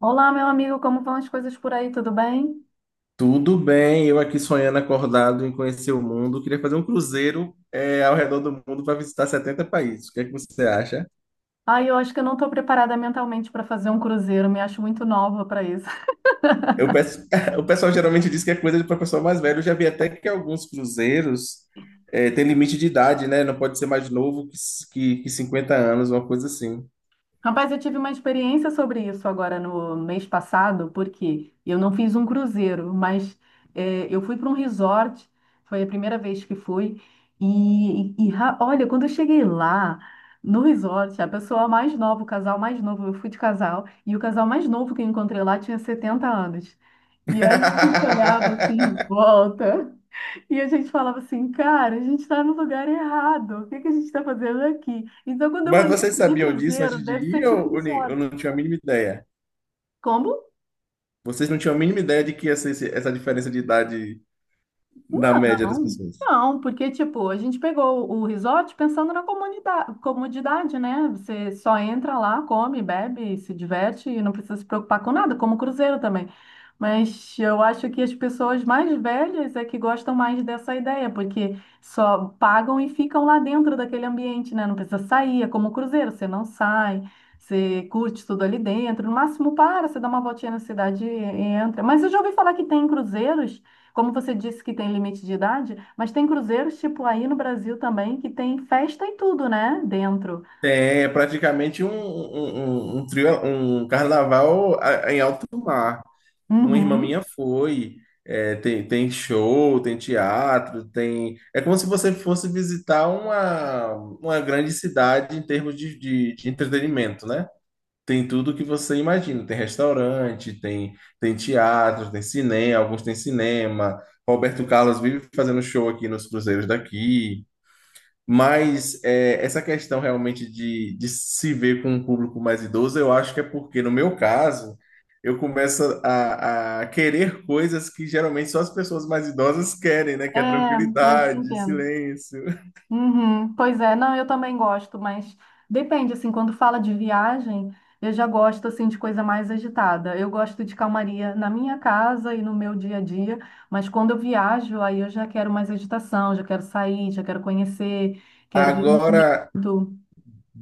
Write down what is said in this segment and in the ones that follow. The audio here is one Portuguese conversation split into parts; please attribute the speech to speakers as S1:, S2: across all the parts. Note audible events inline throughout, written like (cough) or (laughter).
S1: Olá, meu amigo, como vão as coisas por aí? Tudo bem?
S2: Tudo bem, eu aqui sonhando acordado em conhecer o mundo. Queria fazer um cruzeiro ao redor do mundo para visitar 70 países. O que é que você acha?
S1: Ai, eu acho que eu não estou preparada mentalmente para fazer um cruzeiro, me acho muito nova para isso. (laughs)
S2: Eu peço- (laughs) O pessoal geralmente diz que é coisa para pessoal mais velho. Eu já vi até que alguns cruzeiros têm limite de idade, né? Não pode ser mais novo que 50 anos, uma coisa assim.
S1: Rapaz, eu tive uma experiência sobre isso agora no mês passado, porque eu não fiz um cruzeiro, mas eu fui para um resort, foi a primeira vez que fui, olha, quando eu cheguei lá no resort, a pessoa mais nova, o casal mais novo, eu fui de casal, e o casal mais novo que eu encontrei lá tinha 70 anos. E aí a gente olhava assim em
S2: (laughs)
S1: volta. E a gente falava assim, cara, a gente está no lugar errado, o que que a gente está fazendo aqui? Então, quando eu
S2: Mas
S1: olhei
S2: vocês
S1: de
S2: sabiam disso
S1: cruzeiro,
S2: antes de
S1: deve ser
S2: ir
S1: tipo um
S2: ou eu
S1: resort.
S2: não tinha a mínima ideia?
S1: Como?
S2: Vocês não tinham a mínima ideia de que ia ser essa diferença de idade na média das
S1: Não,
S2: pessoas?
S1: não, porque, tipo, a gente pegou o resort pensando na comunidade, comodidade, né? Você só entra lá, come, bebe, se diverte e não precisa se preocupar com nada, como o cruzeiro também. Mas eu acho que as pessoas mais velhas é que gostam mais dessa ideia, porque só pagam e ficam lá dentro daquele ambiente, né? Não precisa sair, é como o cruzeiro, você não sai, você curte tudo ali dentro, no máximo para, você dá uma voltinha na cidade e entra. Mas eu já ouvi falar que tem cruzeiros como você disse que tem limite de idade, mas tem cruzeiros tipo aí no Brasil também que tem festa e tudo, né? Dentro.
S2: Tem, é praticamente um trio, um carnaval em alto mar. Uma irmã minha
S1: Uhum.
S2: foi. Tem, tem show, tem teatro, tem. É como se você fosse visitar uma grande cidade em termos de entretenimento, né? Tem tudo que você imagina. Tem restaurante, tem, tem teatro, tem cinema, alguns têm cinema. Roberto Carlos vive fazendo show aqui nos cruzeiros daqui. Mas é, essa questão realmente de se ver com um público mais idoso, eu acho que é porque, no meu caso, eu começo a querer coisas que geralmente só as pessoas mais idosas querem, né? Que é
S1: É, eu te
S2: tranquilidade,
S1: entendo.
S2: silêncio.
S1: Uhum. Pois é, não, eu também gosto, mas depende, assim, quando fala de viagem, eu já gosto, assim, de coisa mais agitada. Eu gosto de calmaria na minha casa e no meu dia a dia, mas quando eu viajo, aí eu já quero mais agitação, já quero sair, já quero conhecer, quero ver
S2: Agora,
S1: movimento.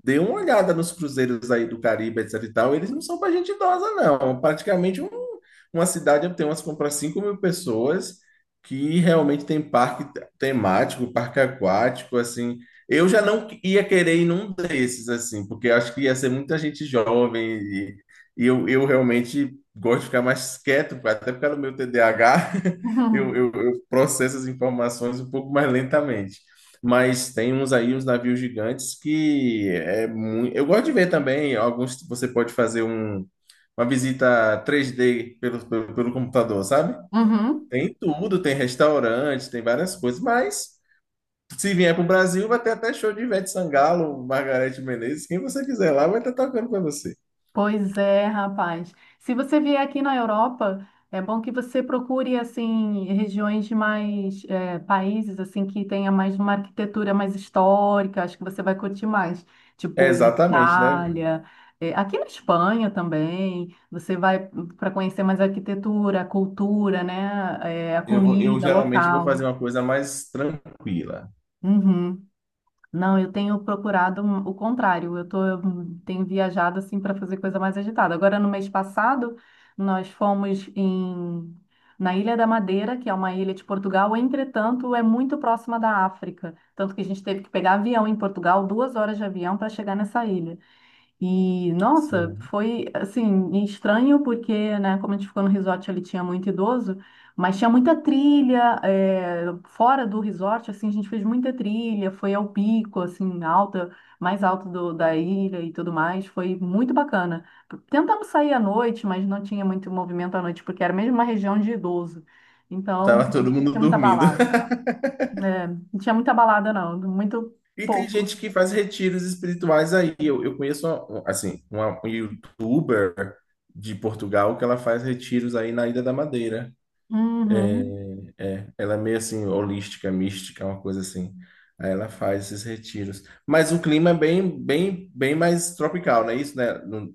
S2: dê uma olhada nos cruzeiros aí do Caribe, etc e tal, eles não são para gente idosa, não. Uma cidade tem umas para 5 mil pessoas que realmente tem parque temático, parque aquático, assim. Eu já não ia querer ir num desses, assim, porque eu acho que ia ser muita gente jovem e, eu realmente gosto de ficar mais quieto, até porque no meu TDAH (laughs) eu,
S1: Uhum.
S2: eu eu processo as informações um pouco mais lentamente. Mas tem uns aí, uns navios gigantes que é muito. Eu gosto de ver também alguns. Você pode fazer uma visita 3D pelo computador, sabe?
S1: Uhum.
S2: Tem tudo, tem restaurante, tem várias coisas. Mas se vier para o Brasil, vai ter até show de Ivete Sangalo, Margareth Menezes, quem você quiser lá vai estar tocando para você.
S1: Pois é, rapaz. Se você vier aqui na Europa, é bom que você procure assim regiões de mais países assim que tenha mais uma arquitetura mais histórica. Acho que você vai curtir mais,
S2: É
S1: tipo
S2: exatamente, né?
S1: Itália, aqui na Espanha também. Você vai para conhecer mais a arquitetura, a cultura, né? A
S2: Eu vou, eu
S1: comida
S2: geralmente vou
S1: local.
S2: fazer uma coisa mais tranquila.
S1: Uhum. Não, eu tenho procurado o contrário. Eu tenho viajado assim para fazer coisa mais agitada. Agora, no mês passado, nós fomos na Ilha da Madeira, que é uma ilha de Portugal. Entretanto, é muito próxima da África. Tanto que a gente teve que pegar avião em Portugal, 2 horas de avião para chegar nessa ilha. E, nossa,
S2: Sim.
S1: foi, assim, estranho porque, né, como a gente ficou no resort, ele tinha muito idoso, mas tinha muita trilha, fora do resort, assim, a gente fez muita trilha, foi ao pico, assim, mais alto da ilha e tudo mais, foi muito bacana. Tentamos sair à noite, mas não tinha muito movimento à noite, porque era mesmo uma região de idoso, então
S2: Tava todo
S1: não
S2: mundo
S1: tinha muita
S2: dormindo.
S1: balada, né? Não tinha muita balada não, muito
S2: E tem
S1: pouco.
S2: gente que faz retiros espirituais aí. Eu conheço, assim, uma youtuber de Portugal que ela faz retiros aí na Ilha da Madeira. É,
S1: Uhum.
S2: é, ela é meio assim, holística, mística, uma coisa assim. Aí ela faz esses retiros. Mas o clima é bem, bem, bem mais tropical, não é isso, né?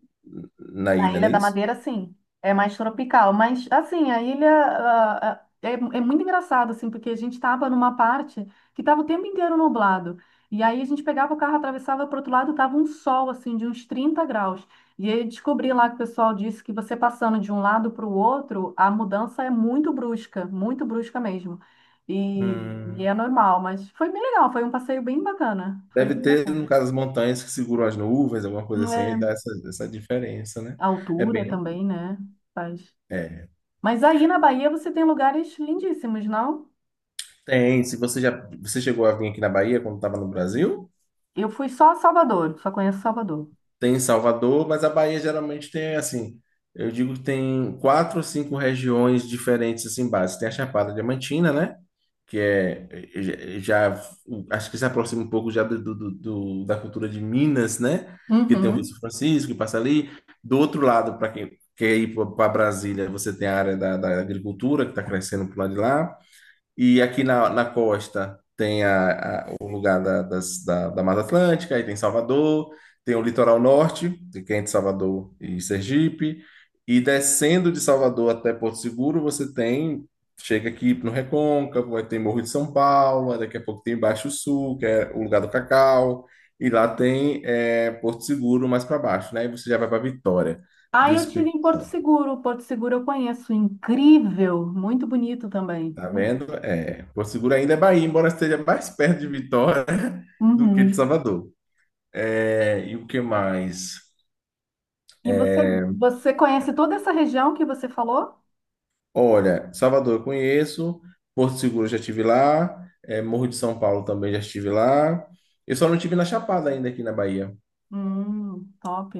S2: Na
S1: Na
S2: ilha, não
S1: Ilha
S2: é
S1: da
S2: isso?
S1: Madeira, sim, é mais tropical, mas assim, a ilha é muito engraçado, assim, porque a gente estava numa parte que estava o tempo inteiro nublado, e aí a gente pegava o carro, atravessava para outro lado, tava um sol, assim, de uns 30 graus, e aí eu descobri lá que o pessoal disse que você passando de um lado para o outro, a mudança é muito brusca mesmo, e
S2: Hum.
S1: é normal, mas foi bem legal, foi um passeio bem bacana, foi
S2: Deve
S1: bem
S2: ter,
S1: bacana.
S2: no caso, as montanhas que seguram as nuvens, alguma coisa assim, e dá
S1: É,
S2: essa diferença, né?
S1: a
S2: É
S1: altura
S2: bem.
S1: também, né, faz.
S2: É.
S1: Mas aí na Bahia você tem lugares lindíssimos, não?
S2: Tem, se você já você chegou a vir aqui na Bahia quando estava no Brasil,
S1: Eu fui só a Salvador, só conheço Salvador.
S2: tem em Salvador, mas a Bahia geralmente tem assim, eu digo que tem 4 ou 5 regiões diferentes assim básicas. Tem a Chapada Diamantina, né? Que é já acho que se aproxima um pouco já da cultura de Minas, né? Que tem o Rio São
S1: Uhum.
S2: Francisco que passa ali. Do outro lado, para quem quer ir para Brasília, você tem a área da agricultura que está crescendo para lado de lá. E aqui na costa tem o lugar da Mata Atlântica, aí tem Salvador, tem o litoral norte, de é de Salvador e Sergipe, e descendo de Salvador até Porto Seguro, você tem, chega aqui no Recôncavo, aí tem Morro de São Paulo, aí daqui a pouco tem Baixo Sul, que é o lugar do cacau, e lá tem Porto Seguro mais para baixo, né? E você já vai para Vitória do
S1: Aí eu tive
S2: Espírito
S1: em Porto
S2: Santo.
S1: Seguro. Porto Seguro eu conheço, incrível, muito bonito também.
S2: Tá
S1: Muito.
S2: vendo? É, Porto Seguro ainda é Bahia, embora esteja mais perto de Vitória (laughs) do que de
S1: Uhum.
S2: Salvador. É, e o que mais?
S1: E você conhece toda essa região que você falou?
S2: Olha, Salvador eu conheço, Porto Seguro eu já estive lá, é, Morro de São Paulo também já estive lá. Eu só não estive na Chapada ainda aqui na Bahia.
S1: Top,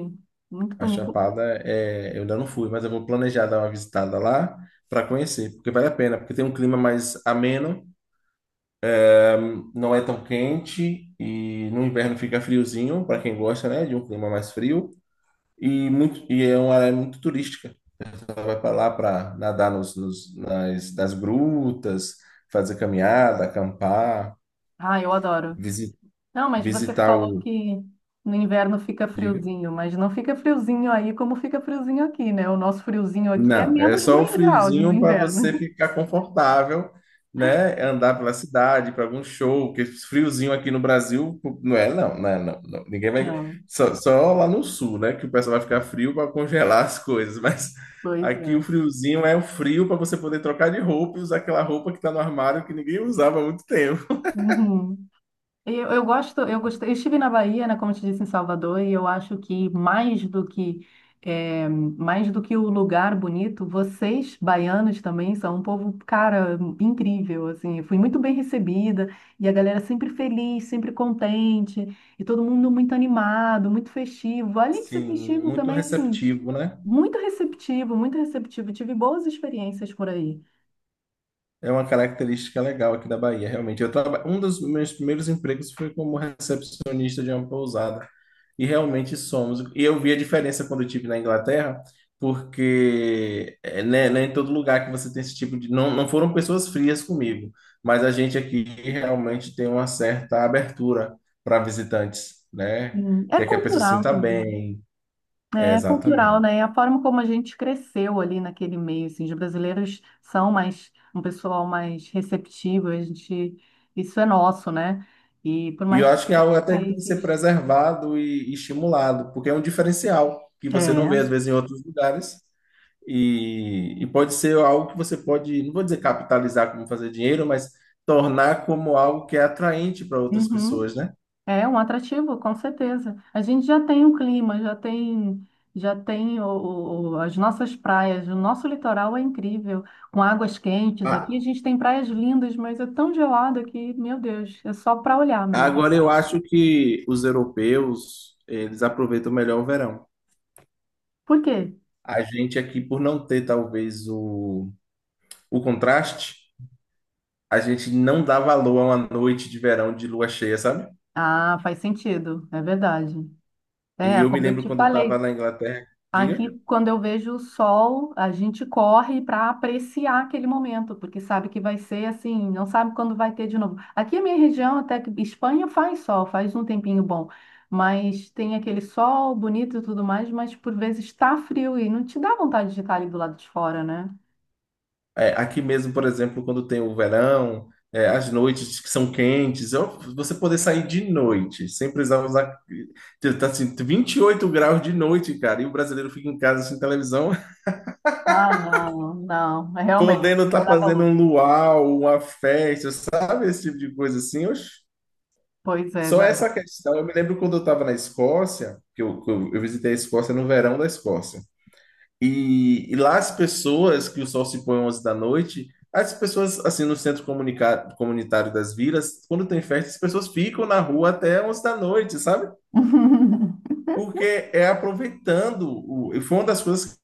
S1: muito
S2: A
S1: bonito.
S2: Chapada é, eu ainda não fui, mas eu vou planejar dar uma visitada lá para conhecer, porque vale a pena, porque tem um clima mais ameno, não é tão quente e no inverno fica friozinho para quem gosta, né, de um clima mais frio. E, muito, e é uma área muito turística. Ela vai para lá para nadar nas grutas, fazer caminhada, acampar,
S1: Ah, eu adoro.
S2: visi-
S1: Não, mas você
S2: visitar o.
S1: falou que no inverno fica
S2: Diga.
S1: friozinho, mas não fica friozinho aí como fica friozinho aqui, né? O nosso friozinho aqui é
S2: Não, é
S1: menos
S2: só o
S1: 2 graus no
S2: friozinho para você
S1: inverno.
S2: ficar confortável, né? É andar pela cidade, para algum show, porque friozinho aqui no Brasil não é, não. Ninguém
S1: (laughs)
S2: vai.
S1: Não.
S2: Só lá no sul, né? Que o pessoal vai ficar frio para congelar (laughs) as coisas, mas
S1: Pois
S2: aqui o
S1: é.
S2: friozinho é o frio para você poder trocar de roupa e usar aquela roupa que está no armário que ninguém usava há muito tempo.
S1: Uhum. Eu gosto, eu gostei. Eu estive na Bahia, né, como eu te disse, em Salvador, e eu acho que mais do que o lugar bonito, vocês, baianos, também são um povo, cara, incrível, assim. Eu fui muito bem recebida, e a galera sempre feliz, sempre contente, e todo mundo muito animado, muito festivo. Além de ser
S2: Sim,
S1: festivo
S2: muito
S1: também, assim,
S2: receptivo, né?
S1: muito receptivo, muito receptivo. Tive boas experiências por aí.
S2: É uma característica legal aqui da Bahia, realmente. Eu traba... Um dos meus primeiros empregos foi como recepcionista de uma pousada. E realmente somos. E eu vi a diferença quando eu estive na Inglaterra, porque é, né, não é em todo lugar que você tem esse tipo de. Não, não foram pessoas frias comigo, mas a gente aqui realmente tem uma certa abertura para visitantes, né?
S1: É
S2: Quer que a pessoa se
S1: cultural
S2: sinta
S1: também.
S2: bem. É,
S1: É cultural,
S2: exatamente.
S1: né? A forma como a gente cresceu ali naquele meio, assim, os brasileiros são mais um pessoal mais receptivo, a gente, isso é nosso, né? E por
S2: E eu
S1: mais que os
S2: acho que é algo até que tem que ser
S1: países
S2: preservado e estimulado, porque é um diferencial que você não vê, às
S1: é,
S2: vezes, em outros lugares. E pode ser algo que você pode, não vou dizer capitalizar como fazer dinheiro, mas tornar como algo que é atraente para outras
S1: uhum,
S2: pessoas, né?
S1: é um atrativo, com certeza. A gente já tem o clima, já tem o- as nossas praias, o nosso litoral é incrível, com águas quentes aqui. A
S2: Ah,
S1: gente tem praias lindas, mas é tão gelado aqui, meu Deus, é só para olhar mesmo.
S2: agora eu acho que os europeus, eles aproveitam melhor o verão.
S1: Por quê?
S2: A gente aqui, por não ter talvez o contraste, a gente não dá valor a uma noite de verão de lua cheia, sabe?
S1: Ah, faz sentido, é verdade.
S2: E
S1: É,
S2: eu me
S1: como eu
S2: lembro
S1: te
S2: quando eu estava
S1: falei,
S2: na Inglaterra.
S1: aqui
S2: Diga.
S1: quando eu vejo o sol, a gente corre para apreciar aquele momento, porque sabe que vai ser assim, não sabe quando vai ter de novo. Aqui a minha região, até que Espanha faz sol, faz um tempinho bom, mas tem aquele sol bonito e tudo mais, mas por vezes está frio e não te dá vontade de estar ali do lado de fora, né?
S2: É, aqui mesmo, por exemplo, quando tem o verão, é, as noites que são quentes, você poder sair de noite, sem precisar usar. Tá assim, 28 graus de noite, cara, e o brasileiro fica em casa sem televisão, (laughs)
S1: Ah, não, não, realmente,
S2: podendo
S1: não
S2: estar
S1: dá
S2: fazendo
S1: valor.
S2: um luau, uma festa, sabe? Esse tipo de coisa assim. Oxe.
S1: Pois é,
S2: Só essa
S1: não.
S2: questão. Eu me lembro quando eu estava na Escócia, que eu visitei a Escócia no verão da Escócia. E lá as pessoas, que o sol se põe 11 da noite, as pessoas, assim, no centro comunitário das vilas, quando tem festa, as pessoas ficam na rua até 11 da noite, sabe?
S1: (laughs)
S2: Porque é aproveitando. E foi uma das coisas que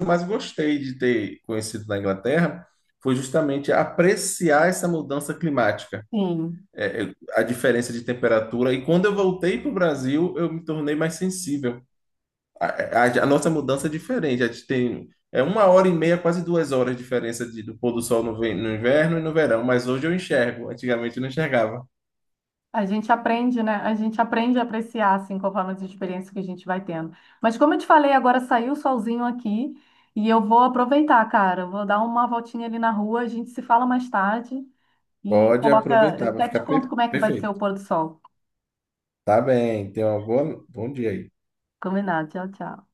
S2: eu mais gostei de ter conhecido na Inglaterra, foi justamente apreciar essa mudança climática,
S1: Sim.
S2: a diferença de temperatura. E quando eu voltei para o Brasil, eu me tornei mais sensível. A, a nossa mudança é diferente. A gente tem é 1 hora e meia, quase 2 horas de diferença do pôr do sol no inverno e no verão. Mas hoje eu enxergo. Antigamente eu não enxergava.
S1: A gente aprende, né? A gente aprende a apreciar, assim, conforme as experiências que a gente vai tendo. Mas como eu te falei, agora saiu o solzinho aqui e eu vou aproveitar, cara. Eu vou dar uma voltinha ali na rua, a gente se fala mais tarde e
S2: Pode
S1: coloca. Eu
S2: aproveitar, vai
S1: até te
S2: ficar
S1: conto como é que vai ser o
S2: perfeito.
S1: pôr do sol.
S2: Tá bem, tenha um bom dia aí.
S1: Combinado. Tchau, tchau.